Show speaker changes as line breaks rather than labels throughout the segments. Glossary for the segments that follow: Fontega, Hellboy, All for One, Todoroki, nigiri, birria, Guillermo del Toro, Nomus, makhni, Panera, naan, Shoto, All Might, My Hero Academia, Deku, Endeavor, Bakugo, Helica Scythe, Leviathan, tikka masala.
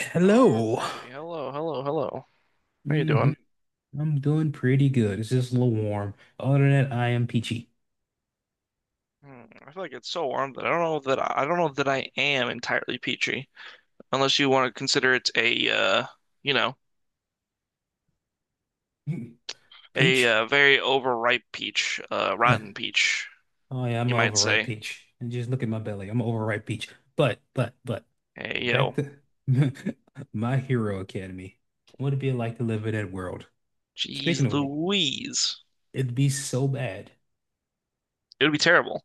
Hello.
Alrighty. Hello, hello, hello. How you
Hmm.
doing?
I'm doing pretty good. It's just a little warm. Other than that, I am peachy.
I feel like it's so warm that I don't know that I don't know that I am entirely peachy, unless you want to consider it a you know,
Mm.
a
Peach?
very overripe peach,
Huh.
rotten peach,
Oh yeah, I'm
you
an
might
overripe
say.
peach. And just look at my belly. I'm an overripe peach. But, but, but,
Hey
back
yo,
to My Hero Academy. What would it be like to live in that world? Speaking
jeez
of, war,
Louise,
it'd be so bad.
it would be terrible.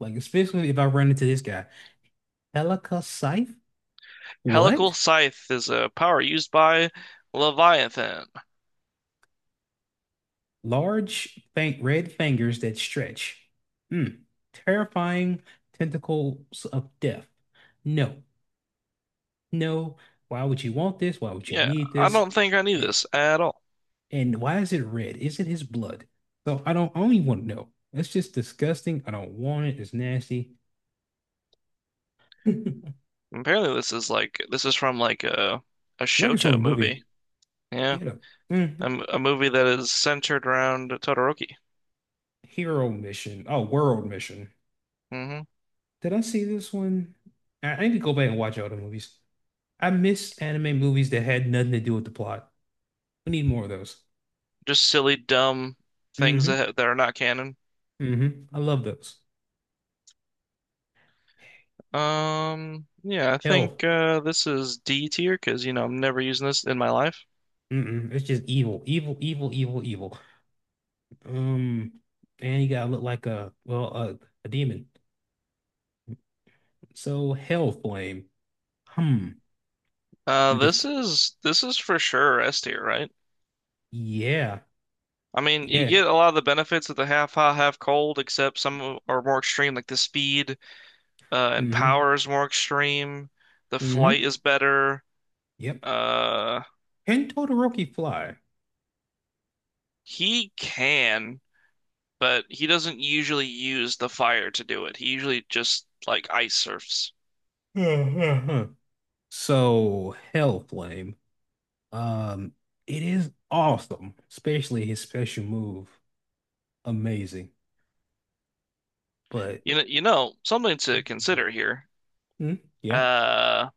Like, especially if I run into this guy. Helica Scythe?
Helical
What?
Scythe is a power used by Leviathan.
Large fang red fingers that stretch. Mm. Terrifying tentacles of death. No, no. Why would you want this? Why would you
Yeah,
need
I
this?
don't think I knew
Eh,
this at all.
And why is it red? Is it his blood? I don't even want to know. That's just disgusting. I don't want it. It's nasty.
Apparently, this is from like a
Like it's from a
Shoto movie.
movie. He
Yeah.
had a
A,
mm,
m- a movie that is centered around Todoroki.
hero mission. Oh, world mission.
Hmm
Did I see this one? I need to go back and watch all the movies. I miss anime movies that had nothing to do with the plot. We need more of those.
Just silly, dumb things
Mm-hmm.
that are not canon.
Mm-hmm. I love those.
Yeah, I
Hell.
think this is D tier because you know I'm never using this in my life.
Mm-mm. It's just evil. Evil, evil, evil, evil. Um, and you gotta look like a a demon. So hell flame. Hmm.
Uh,
You could
this is this is for sure S tier, right?
yeah.
I mean, you
Yeah.
get a lot of the benefits of the half hot, half cold, except some are more extreme, like the speed and
Mm-hmm.
power is more extreme. The flight
Mm-hmm.
is better.
Yep.
Uh,
Can Todoroki fly?
he can. But he doesn't usually use the fire to do it. He usually just like ice surfs.
So hell flame. Um, it is awesome, especially his special move. Amazing. But
Something to consider here.
mm, yeah.
Uh,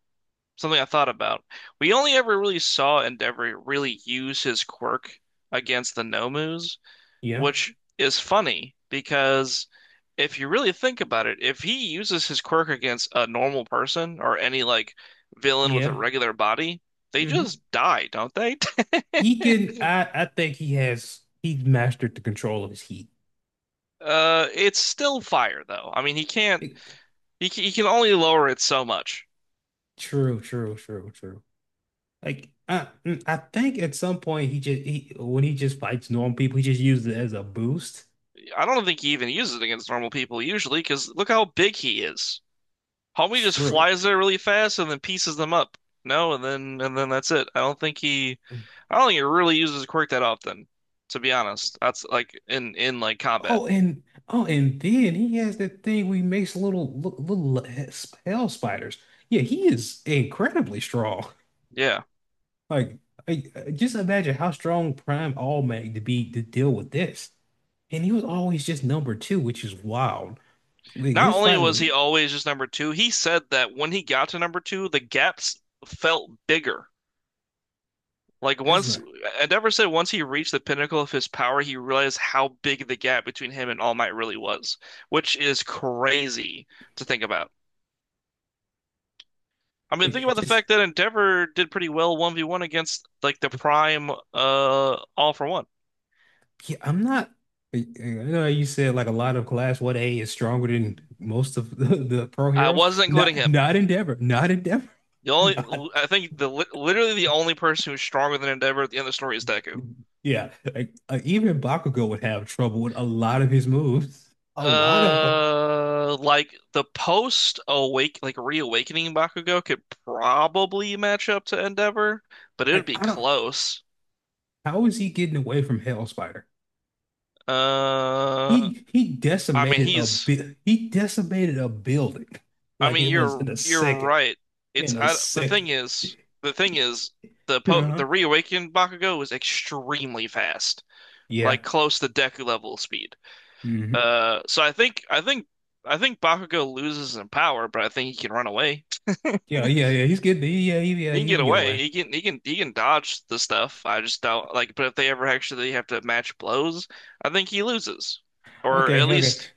Something I thought about. We only ever really saw Endeavor really use his quirk against the Nomus,
Yeah.
which is funny because if you really think about it, if he uses his quirk against a normal person or any like villain with a
Yeah.
regular body, they
Hmm.
just die, don't they?
He can I I think he's mastered the control of his heat.
It's still fire though. I mean, he can't.
It-
He can only lower it so much.
true, true, true, true. Like I mm, I think at some point he just he when he just fights normal people, he just uses it as a boost.
I don't think he even uses it against normal people usually, because look how big he is. Homie just
True.
flies there really fast and then pieces them up. No, and then that's it. I don't think he. I don't think he really uses quirk that often, to be honest. That's like in like combat.
Oh, and oh, and then he has that thing where he makes little li- little he- hell spiders. Yeah, he is incredibly strong.
Yeah.
Like, just imagine how strong Prime All Might to be to deal with this. And he was always just number two, which is wild. Like
Not
his
only
fight
was he
with
always just number two, he said that when he got to number two, the gaps felt bigger. Like
it's
once
not
Endeavor said once he reached the pinnacle of his power, he realized how big the gap between him and All Might really was, which is crazy to think about. I mean, think
like
about the
just
fact that Endeavor did pretty well 1v1 against like the prime All for One.
yeah, I'm not I know how you said like a lot of class 1A is stronger than most of the, the pro
I
heroes.
wasn't including
Not
him.
not Endeavor, not Endeavor,
The only
not
the literally the only person who's stronger than Endeavor at the end of the story is Deku.
yeah. Like even Bakugo would have trouble with a lot of his moves. A lot of them.
Like the post awake, like reawakening Bakugo could probably match up to Endeavor, but it would
Like,
be
I don't
close.
how is he getting away from Hell Spider?
Uh, I mean he's,
He decimated a building
I
like it
mean
was
you're
in a
you're
second.
right.
In a
The thing
second.
is, the thing is
Uh-huh.
the reawakened Bakugo is extremely fast,
Yeah.
like close to Deku level speed.
Hmm.
So I think I think Bakugo loses in power, but I think he can run away.
Yeah, yeah, yeah. He's good. Yeah, yeah, yeah.
He can
He
get
can get
away.
away.
He can dodge the stuff. I just don't like. But if they ever actually have to match blows, I think he loses, or at
Okay, okay.
least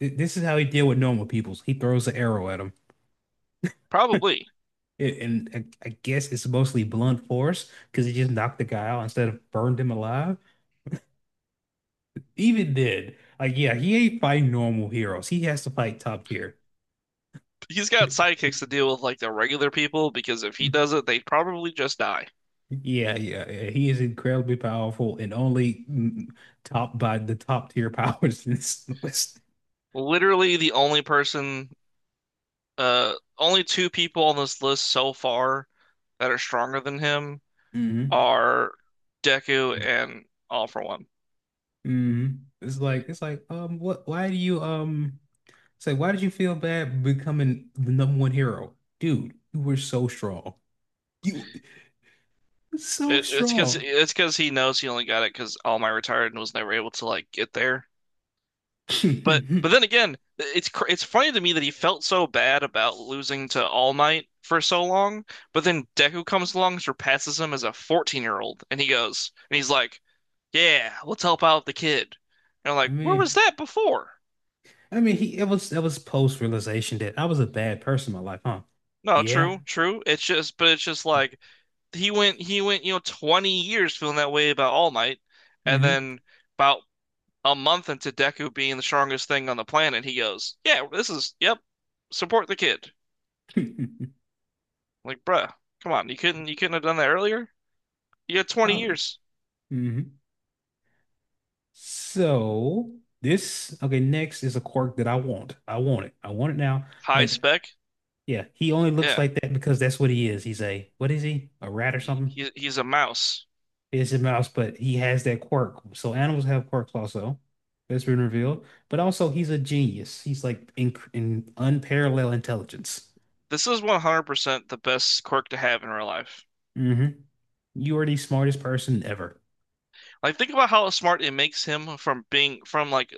Th- this is how he deal with normal peoples. He throws an arrow at him,
probably.
It, and I guess it's mostly blunt force because he just knocked the guy out instead of burned him alive. Even did. Like, yeah, he ain't fighting normal heroes. He has to fight top tier.
He's got sidekicks to deal with like the regular people because if he does it, they probably just die.
Yeah, yeah, yeah. He is incredibly powerful and only mm, topped by the top tier powers in this list.
Literally, the only person, only two people on this list so far that are stronger than him
Hmm.
are Deku and All For One.
Mm, it's like what why do you say why did you feel bad becoming the number one hero? Dude, you were so strong. You were so
It, it's because
strong.
it's because he knows he only got it because All Might retired and was never able to like get there.
I
But then again, it's funny to me that he felt so bad about losing to All Might for so long, but then Deku comes along, surpasses him as a 14-year-old, and he goes, and he's like, "Yeah, let's help out the kid." And I'm like, "Where
mean
was that before?"
I mean he it was post realization that I was a bad person in my life, huh?
No,
Yeah.
true, true. It's just, but it's just like he went, you know, 20 years feeling that way about All Might, and
Mm-hmm.
then about a month into Deku being the strongest thing on the planet, he goes, "Yeah, this is, yep, support the kid." Like, bruh, come on, you couldn't have done that earlier? You had
I,
20 years.
hmm. So this okay, next is a quirk that I want. I want it. I want it now.
High
Like
spec.
yeah, he only looks
Yeah.
like that because that's what he is. What is he? A rat or
He,
something?
he- he's a mouse.
It's a mouse, but he has that quirk. So animals have quirks also. That's been revealed. But also, he's a genius. He's like in unparalleled intelligence.
This is 100% the best quirk to have in real life.
Hmm. You are the smartest person ever.
Like, think about how smart it makes him from being from like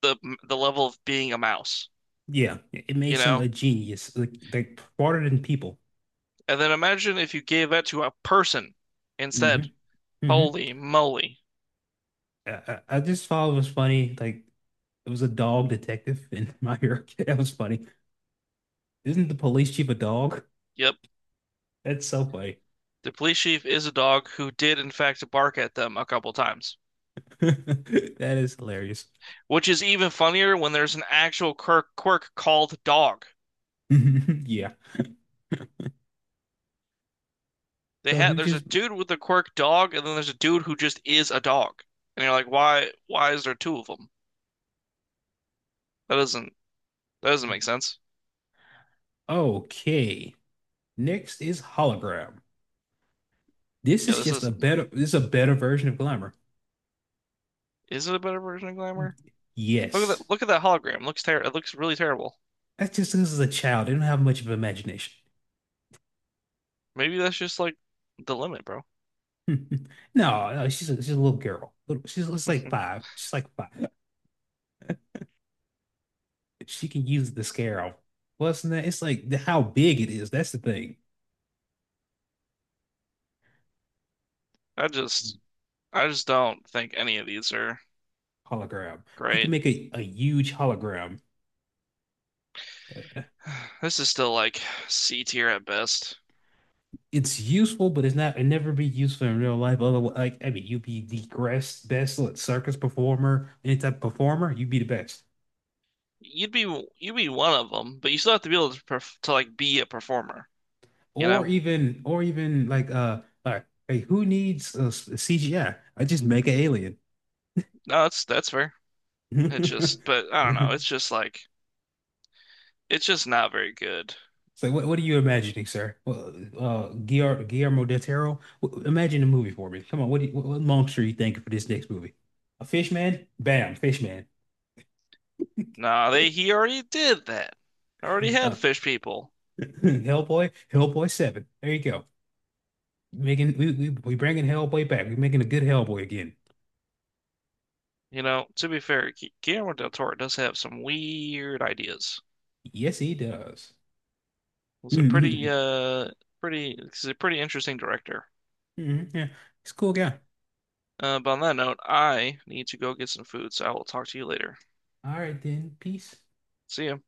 the the level of being a mouse,
Yeah, it
you
makes him
know?
a genius, like smarter than people.
And then imagine if you gave that to a person instead.
Hmm. Hmm.
Holy moly.
I just thought it was funny. Like, it was a dog detective in My Hero. That was funny. Isn't the police chief a dog?
Yep.
That's so funny.
The police chief is a dog who did in fact bark at them a couple times,
That is hilarious.
which is even funnier when there's an actual quirk called dog.
Yeah.
They
So he
had
was
there's a
just
dude with a quirk dog, and then there's a dude who just is a dog. And you're like, why is there two of them? That doesn't that doesn't make sense.
okay. Next is hologram. This
Yeah,
is
this
just a better this is a better version of glamour.
is it a better version of Glamour?
Yes.
Look at that hologram. It looks really terrible.
That's just this is a child. They don't have much of an imagination.
Maybe that's just like the limit, bro.
No, no, she's a little girl. She's like five. She's like five. She can use the scarab. Plus, than that it's like the, how big it is. That's the thing.
I just I just don't think any of these are
Hologram. You can
great.
make a huge hologram. That-
This is still like C tier at best.
it's useful, but it never be useful in real life. Otherwise, like I mean, you'd be the best, best like, circus performer, any type of performer, you'd be the best.
You'd be you'd be one of them, but you still have to be able to perf to like be a performer, you know?
Or even like hey, who needs CGI? I just make an alien.
No, that's fair. It just, but I don't know. It's just like it's just not very good.
So what are you imagining, sir? Well, Guillermo del Toro, W- imagine a movie for me. Come on, what monster are you thinking for this next movie? A fish man? Bam, fish man.
Nah, they he already did that. Already had
Uh,
fish people.
Hellboy, Hellboy seven. There you go. Making we bringing Hellboy back. We're making a good Hellboy again.
You know, to be fair, Guillermo del Toro does have some weird ideas.
Yes, he does.
He's a pretty,
Mhm.
he's a pretty interesting director.
Mhm. Yeah, he's a cool guy.
But on that note, I need to go get some food, so I will talk to you later.
All right then. Peace.
See ya.